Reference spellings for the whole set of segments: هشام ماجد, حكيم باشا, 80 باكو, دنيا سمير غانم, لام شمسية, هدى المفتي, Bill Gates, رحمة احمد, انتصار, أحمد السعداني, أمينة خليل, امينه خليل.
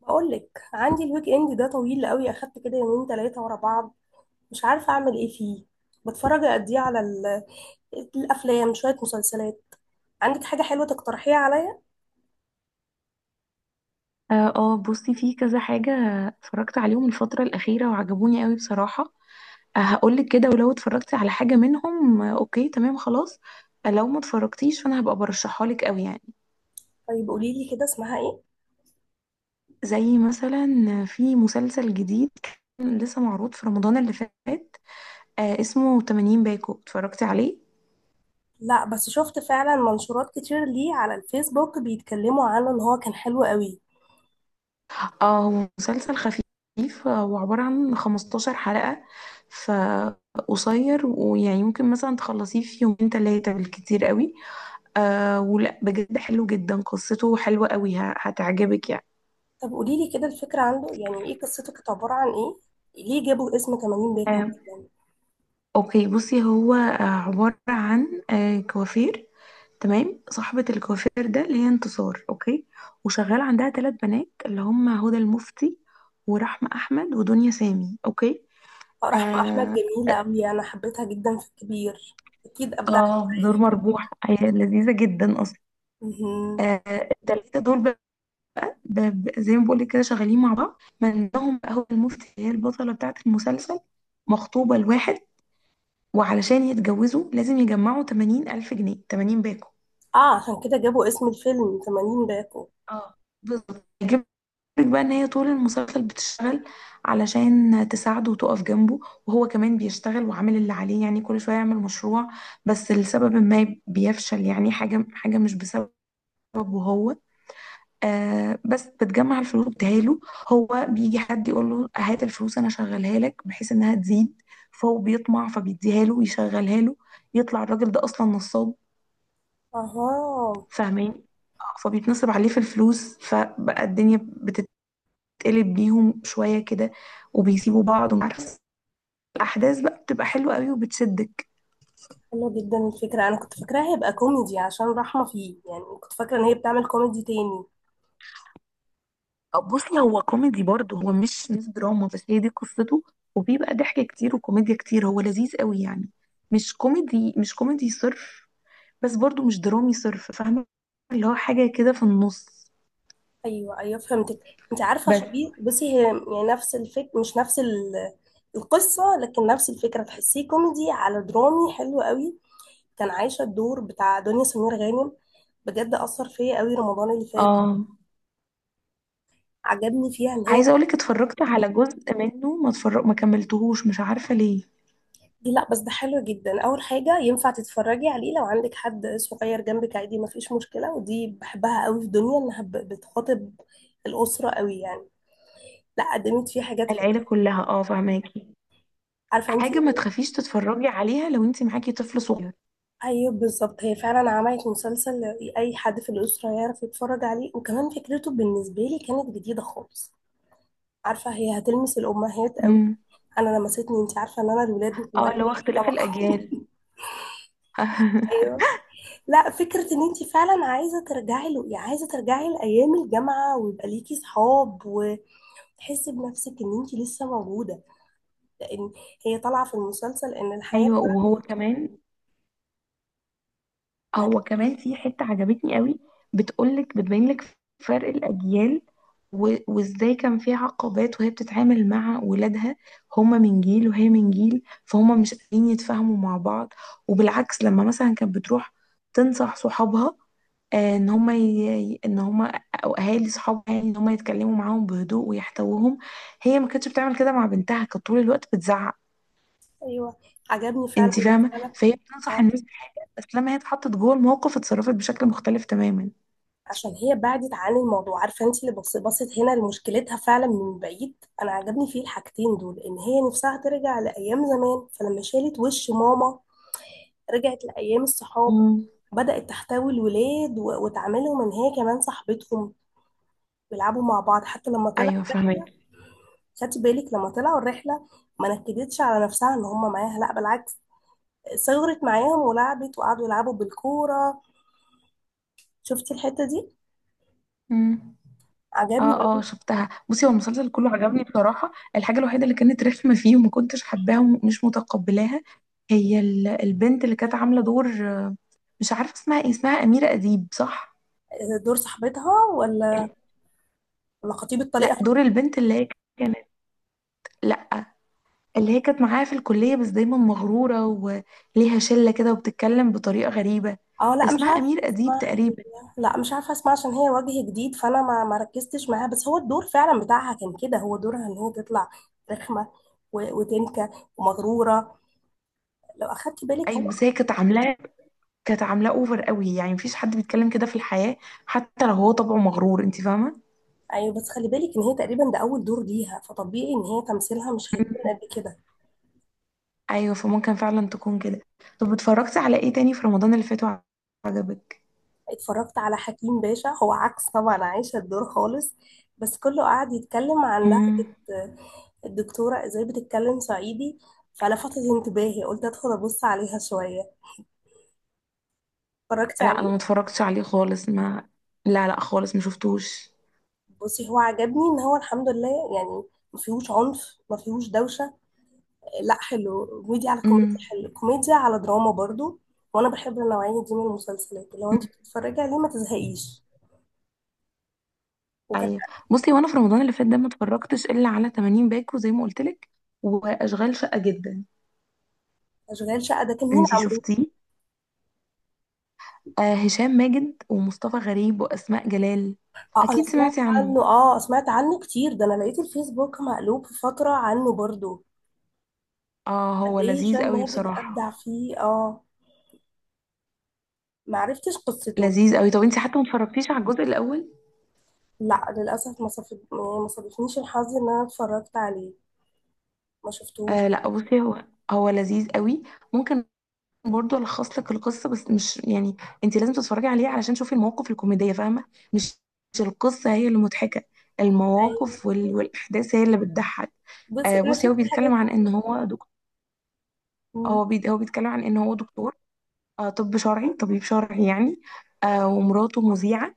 بقول لك عندي الويك اند ده طويل قوي، اخدت كده يومين ثلاثه ورا بعض. مش عارفه اعمل ايه فيه. بتفرج قد ايه على الافلام، شويه مسلسلات؟ عندك حاجه حلوه تقترحيها عليا؟ اه بصي في كذا حاجة. اتفرجت عليهم الفترة الأخيرة وعجبوني قوي بصراحة. هقولك كده، ولو اتفرجتي على حاجة منهم آه، اوكي تمام خلاص. لو ما اتفرجتيش فانا هبقى برشحها لك قوي يعني. طيب قولي لي كده، اسمها ايه؟ زي مثلا في مسلسل جديد كان لسه معروض في رمضان اللي فات. اسمه 80 باكو. اتفرجتي عليه؟ لا بس شفت فعلا منشورات كتير ليه على الفيسبوك بيتكلموا عنه ان هو كان حلو قوي. اه، هو مسلسل خفيف وعبارة عن 15 حلقة. فقصير، ويعني ممكن مثلا تخلصيه في يومين تلاتة بالكتير قوي. ولا بجد حلو جدا، قصته حلوة قوي، هتعجبك يعني. طب قولي لي كده الفكره عنده، يعني ايه قصته؟ كانت عباره عن ايه؟ ليه جابوا اسم 80 باكو آه يعني؟ اوكي بصي، هو عبارة عن كوافير. تمام، صاحبة الكوافير ده اللي هي انتصار، اوكي. وشغال عندها ثلاث بنات اللي هم هدى المفتي ورحمة احمد ودنيا سامي، اوكي. فرح احمد آه جميله قوي، انا حبيتها جدا في الكبير. اكيد ابدعت اه دور فيها. مربوح، هي لذيذة جدا اصلا. مهم. آه التلاتة دول زي ما بقولك كده شغالين مع بعض. منهم بقى هدى المفتي اللي هي البطلة بتاعة المسلسل، مخطوبة لواحد، وعلشان يتجوزوا لازم يجمعوا 80 ألف جنيه، 80 باكو. اه عشان كده جابوا اسم الفيلم 80 باكو. اه بالظبط. هيجيب لك بقى ان هي طول المسلسل بتشتغل علشان تساعده وتقف جنبه. وهو كمان بيشتغل وعامل اللي عليه، يعني كل شويه يعمل مشروع، بس لسبب ما بيفشل يعني، حاجه حاجه مش بسببه هو. بس بتجمع الفلوس بتهاله. هو بيجي حد يقول له هات الفلوس انا شغلها لك بحيث انها تزيد، فهو بيطمع فبيديها له ويشغلها له. يطلع الراجل ده اصلا نصاب، اها، فاهماني؟ فبيتنصب عليه في الفلوس، فبقى الدنيا بتتقلب بيهم شوية كده، وبيسيبوا بعض ومش عارفة. الأحداث بقى بتبقى حلوة قوي وبتشدك. حلو جدا الفكرة، انا كنت فاكراها هيبقى كوميدي عشان رحمة فيه، يعني كنت فاكرة ان هي بتعمل كوميدي تاني. بصي، هو كوميدي برضه، هو مش دراما، بس هي دي قصته. وبيبقى ضحك كتير وكوميديا كتير، هو لذيذ قوي يعني. مش كوميدي، مش كوميدي صرف، بس برضه مش درامي صرف. فاهمة؟ اللي هو حاجة كده في النص. ايوه، ايوه، فهمتك. انت عارفة بس شبيه، بصي هي يعني نفس الفك، مش نفس القصة، لكن نفس الفكرة، تحسيه كوميدي على درامي، حلو قوي. كان عايشة الدور بتاع دنيا سمير غانم، بجد أثر فيا قوي رمضان اللي فات. اه عجبني فيها ان هي عايزة اقولك اتفرجت على جزء منه، ما اتفرج، ما كملتهوش، مش عارفة ليه. دي. لا بس ده حلو جدا، اول حاجه ينفع تتفرجي عليه لو عندك حد صغير جنبك، عادي ما فيش مشكله، ودي بحبها قوي في دنيا انها بتخاطب الاسره قوي يعني. لا قدمت فيه حاجات العيلة حلوه، كلها، فهماكي، عارفه انت. حاجة ما تخافيش تتفرجي عليها لو انت معاكي طفل صغير. ايوه بالظبط، هي فعلا عملت مسلسل اي حد في الاسره يعرف يتفرج عليه، وكمان فكرته بالنسبه لي كانت جديده خالص. عارفه هي هتلمس الامهات قوي، امم انا لمستني، انت عارفه ان انا الولاد مش... اه اللي هو اختلاف طبعا. الأجيال. ايوه. لا فكرة ان انت فعلا عايزة ترجعي له، يعني عايزة ترجعي لأيام الجامعة ويبقى ليكي صحاب وتحسي بنفسك ان انت لسه موجودة، لان هي طالعة في المسلسل ان الحياة... ايوه وهو كمان، هو كمان في حتة عجبتني قوي. بتقولك، بتبين لك فرق الأجيال، وازاي كان في عقبات وهي بتتعامل مع ولادها. هما من جيل وهي من جيل، فهما مش قادرين يتفاهموا مع بعض. وبالعكس لما مثلا كانت بتروح تنصح صحابها، ان هما او اهالي صحابها يعني، ان هما يتكلموا معاهم بهدوء ويحتوهم. هي ما كانتش بتعمل كده مع بنتها، كانت طول الوقت بتزعق. ايوه عجبني فعلا. انت فاهمه؟ فعلا. فهي بتنصح آه. الناس بحاجه، بس لما هي اتحطت جوه الموقف اتصرفت بشكل مختلف تماما. عشان هي بعدت عن الموضوع، عارفة انت اللي بصت هنا لمشكلتها فعلا من بعيد. انا عجبني فيه الحاجتين دول، ان هي نفسها ترجع لأيام زمان، فلما شالت وش ماما رجعت لأيام الصحاب، مم. بدأت تحتوي الولاد وتعاملهم ان هي كمان صاحبتهم، بيلعبوا مع بعض. حتى لما طلع ايوه الرحله، فاهمك. خدتي بالك لما طلعوا الرحله؟ ما نكدتش على نفسها ان هم معاها، لا بالعكس، صغرت معاهم ولعبت، وقعدوا يلعبوا بالكوره. شفتي الحته دي؟ امم عجبني. اه، اه، شفتها. بصي هو المسلسل كله عجبني بصراحه، الحاجه الوحيده اللي كانت رخمه فيه وما كنتش حباها ومش متقبلاها، هي البنت اللي كانت عامله دور. مش عارفه اسمها ايه، اسمها اميره اديب، صح؟ دور صاحبتها، ولا خطيب لا، الطليقه؟ دور البنت اللي هي كانت لا اللي هي كانت معاها في الكليه، بس دايما مغروره وليها شله كده وبتتكلم بطريقه غريبه. اه لا مش اسمها عارفه امير اديب اسمها هي. تقريبا. لا مش عارفه اسمها عشان هي وجه جديد، فانا ما ركزتش معاها، بس هو الدور فعلا بتاعها كان كده، هو دورها ان هي تطلع رخمه وتنكه ومغروره، لو اخدتي بالك. ايوه بس هي كانت عاملاه اوفر قوي يعني، مفيش حد بيتكلم كده في الحياة، حتى لو هو طبعه مغرور. انت فاهمة؟ ايوه بس خلي بالك ان هي تقريبا ده اول دور ليها، فطبيعي ان هي تمثيلها مش هيكون مم. قد كده. ايوه فممكن فعلا تكون كده. طب اتفرجتي على ايه تاني في رمضان اللي فات وعجبك؟ اتفرجت على حكيم باشا، هو عكس طبعا عايشه الدور خالص، بس كله قعد يتكلم عن امم لهجه الدكتوره ازاي بتتكلم صعيدي، فلفتت انتباهي، قلت ادخل ابص عليها شويه. اتفرجتي لا، انا عليه؟ ما اتفرجتش عليه خالص ما لا، لا خالص ما شفتوش. بصي هو عجبني ان هو الحمد لله يعني ما فيهوش عنف، ما فيهوش دوشه. لا حلو، كوميديا على كوميديا، امم. حلو، كوميديا على دراما برضو. وانا بحب النوعيه دي من المسلسلات، لو انت مم. بتتفرجي عليه ما تزهقيش. وكانت... ايوه. بصي وانا في رمضان اللي فات ده ما اتفرجتش الا على 80 باكو زي ما قلت لك، واشغال شقة جدا. اشغال شقه ده كان مين انتي عامله؟ شفتيه؟ هشام ماجد ومصطفى غريب واسماء جلال. اه انا اكيد سمعت سمعتي عنه، عنه، اه سمعت عنه كتير ده، انا لقيت الفيسبوك مقلوب في فتره عنه برضو. اه قد هو ايه لذيذ هشام قوي ماجد بصراحة. ابدع فيه، اه. ما عرفتش قصته. لذيذ قوي. طب انت حتى ما اتفرجتيش على الجزء الاول؟ لا للاسف، ما صف... يعني ما صادفنيش الحظ ان انا اتفرجت عليه، ما شفتوش. لا بصي، هو لذيذ قوي. ممكن برضو الخص لك القصة، بس مش يعني، انت لازم تتفرجي عليه علشان تشوفي المواقف الكوميدية. فاهمة؟ مش مش القصة هي اللي مضحكة، المواقف ايوه والاحداث هي اللي بتضحك. بصي انا بصي هو شفت بيتكلم حاجات. عن ان هو دكتور. مم. هو بيتكلم عن ان هو دكتور، طب شرعي، طبيب شرعي يعني. ومراته مذيعة،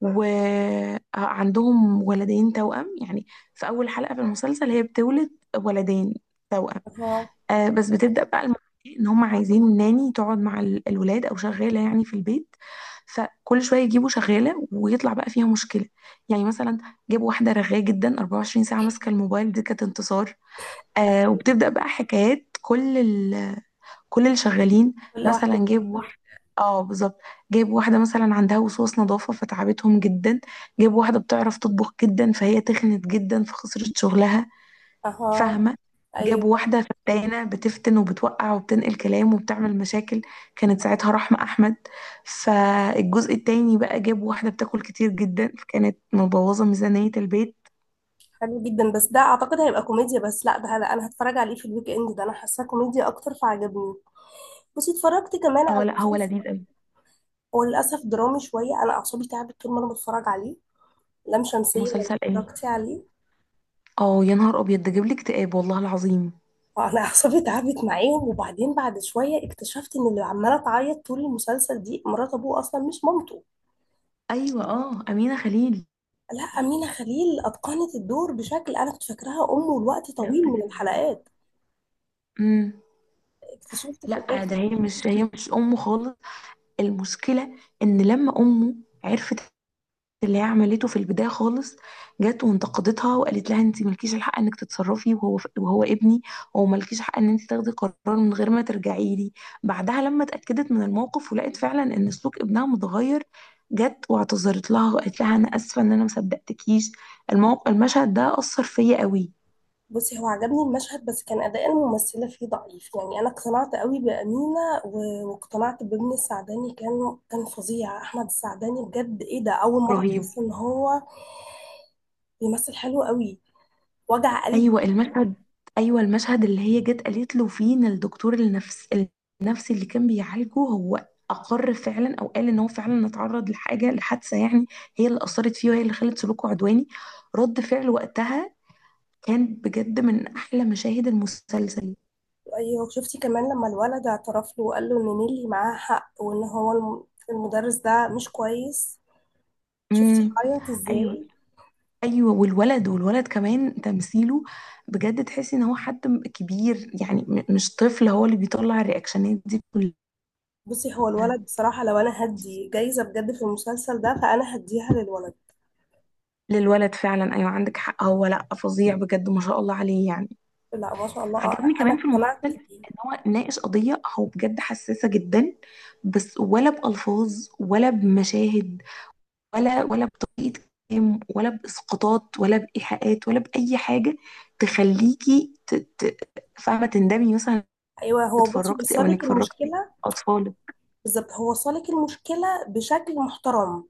وعندهم ولدين توأم يعني. في أول حلقة في المسلسل هي بتولد ولدين توأم. اها. بس بتبدأ بقى الموضوع، إن هم عايزين ناني تقعد مع الولاد أو شغالة يعني في البيت. فكل شوية يجيبوا شغالة ويطلع بقى فيها مشكلة. يعني مثلا جابوا واحدة رغاية جدا، 24 ساعة ماسكة الموبايل، دي كانت انتصار. أيوة. وبتبدأ بقى حكايات كل اللي شغالين. كل واحده مثلا جايب فيهم. واحدة اه بالظبط. جايب واحدة مثلا عندها وسواس نظافة فتعبتهم جدا. جايب واحدة بتعرف تطبخ جدا فهي تخنت جدا فخسرت شغلها. اها، فاهمة؟ جاب ايوه. واحدة فتانة بتفتن وبتوقع وبتنقل كلام وبتعمل مشاكل، كانت ساعتها رحمة أحمد. فالجزء التاني بقى جاب واحدة بتاكل كتير جدا، فكانت مبوظة ميزانية البيت. حلو جدا، بس ده اعتقد هيبقى كوميديا بس. لا ده لا، انا هتفرج عليه في الويك اند ده، انا حاساه كوميديا اكتر فعجبني. بصي اتفرجت كمان اه، على لا هو مسلسل، لذيذ أوي. هو للأسف درامي شوية، أنا أعصابي تعبت طول ما أنا بتفرج عليه. لام شمسية، لو مسلسل ايه؟ اتفرجتي عليه؟ اه، يا نهار أبيض، ده جاب لي اكتئاب والله العظيم. أنا أعصابي تعبت معاهم، وبعدين بعد شوية اكتشفت إن اللي عمالة تعيط طول المسلسل دي مرات أبوه أصلا مش مامته. ايوه، امينه خليل لا أمينة خليل أتقنت الدور بشكل، أنا كنت فاكراها أمه لوقت طويل جامدة من جدا. الحلقات، امم اكتشفت في لا ده، الآخر. هي مش امه خالص. المشكله ان لما امه عرفت اللي هي عملته في البدايه خالص، جت وانتقدتها وقالت لها انت مالكيش الحق انك تتصرفي، وهو ابني، وهو مالكيش حق ان انت تاخدي قرار من غير ما ترجعي لي. بعدها لما اتاكدت من الموقف ولقيت فعلا ان سلوك ابنها متغير، جت واعتذرت لها وقالت لها انا اسفه ان انا ما صدقتكيش. الموقف، المشهد ده اثر فيا قوي. بصي هو عجبني المشهد، بس كان أداء الممثلة فيه ضعيف يعني، أنا اقتنعت قوي بأمينة واقتنعت بابن السعداني، كان فظيع أحمد السعداني، بجد إيه ده، أول مرة رهيب. أحس إن هو بيمثل حلو قوي، وجع ايوه قلبي. المشهد ايوه المشهد اللي هي جت قالت له فيه ان الدكتور النفسي اللي كان بيعالجه هو اقر فعلا او قال ان هو فعلا اتعرض لحاجه، لحادثه يعني. هي اللي اثرت فيه، وهي اللي خلت سلوكه عدواني. رد فعل وقتها كان بجد من احلى مشاهد المسلسل. أيوة شفتي كمان لما الولد اعترف له وقال له إن نيلي معاها حق، وإن هو المدرس ده مش كويس؟ شفتي امم. عيط ايوه إزاي؟ ايوه والولد كمان تمثيله بجد، تحسي ان هو حد كبير يعني، مش طفل، هو اللي بيطلع الرياكشنات دي. بصي هو الولد بصراحة، لو أنا هدي جايزة بجد في المسلسل ده فأنا هديها للولد. للولد فعلا، ايوه عندك حق، هو لا فظيع بجد ما شاء الله عليه يعني. لا ما شاء الله. عجبني أنا كمان في اقتنعت المسلسل بيه. ان هو ناقش قضيه، هو بجد حساسه جدا، بس ولا بالفاظ، ولا بمشاهد، ولا بطريقه كلام، ولا باسقاطات، ولا بايحاءات، ولا باي حاجه تخليكي فاهمه تندمي مثلا إنك ايوه هو، بصي اتفرجتي، او بيصالك انك فرجتي المشكله، اطفالك. بالظبط هو صالك المشكله بشكل محترم.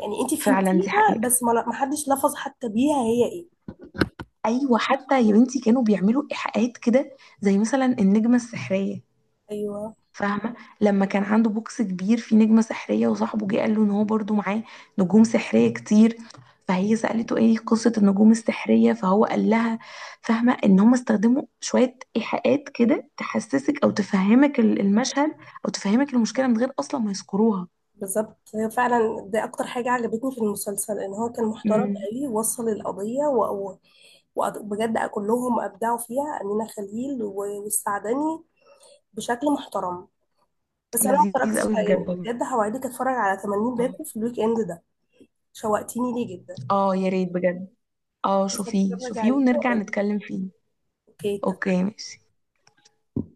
يعني انت فعلا دي فهمتيها، حقيقه. بس ما حدش لفظ حتى بيها هي ايه. ايوه حتى يا بنتي كانوا بيعملوا ايحاءات كده، زي مثلا النجمه السحريه. ايوه فاهمة؟ لما كان عنده بوكس كبير فيه نجمة سحرية، وصاحبه جه قال له ان هو برضو معاه نجوم سحرية كتير. فهي سألته ايه قصة النجوم السحرية، فهو قال لها، فاهمة، ان هم استخدموا شوية ايحاءات كده تحسسك او تفهمك المشهد، او تفهمك المشكلة من غير اصلا ما يذكروها. بالظبط، هي فعلا دي اكتر حاجه عجبتني في المسلسل، ان هو كان محترم امم. قوي، وصل القضيه وبجد كلهم ابدعوا فيها، امينه خليل والسعدني، بشكل محترم. بس انا ما لذيذ اتفرجتش قوي يعني، بجد والله. بجد هوعدك اتفرج على 80 باكو في الويك اند ده، شوقتيني ليه جدا. اه يا ريت بجد. اه بس شوفيه هتفرج شوفيه، عليه ونرجع واقول لك. نتكلم فيه. اوكي اتفقنا. اوكي ماشي.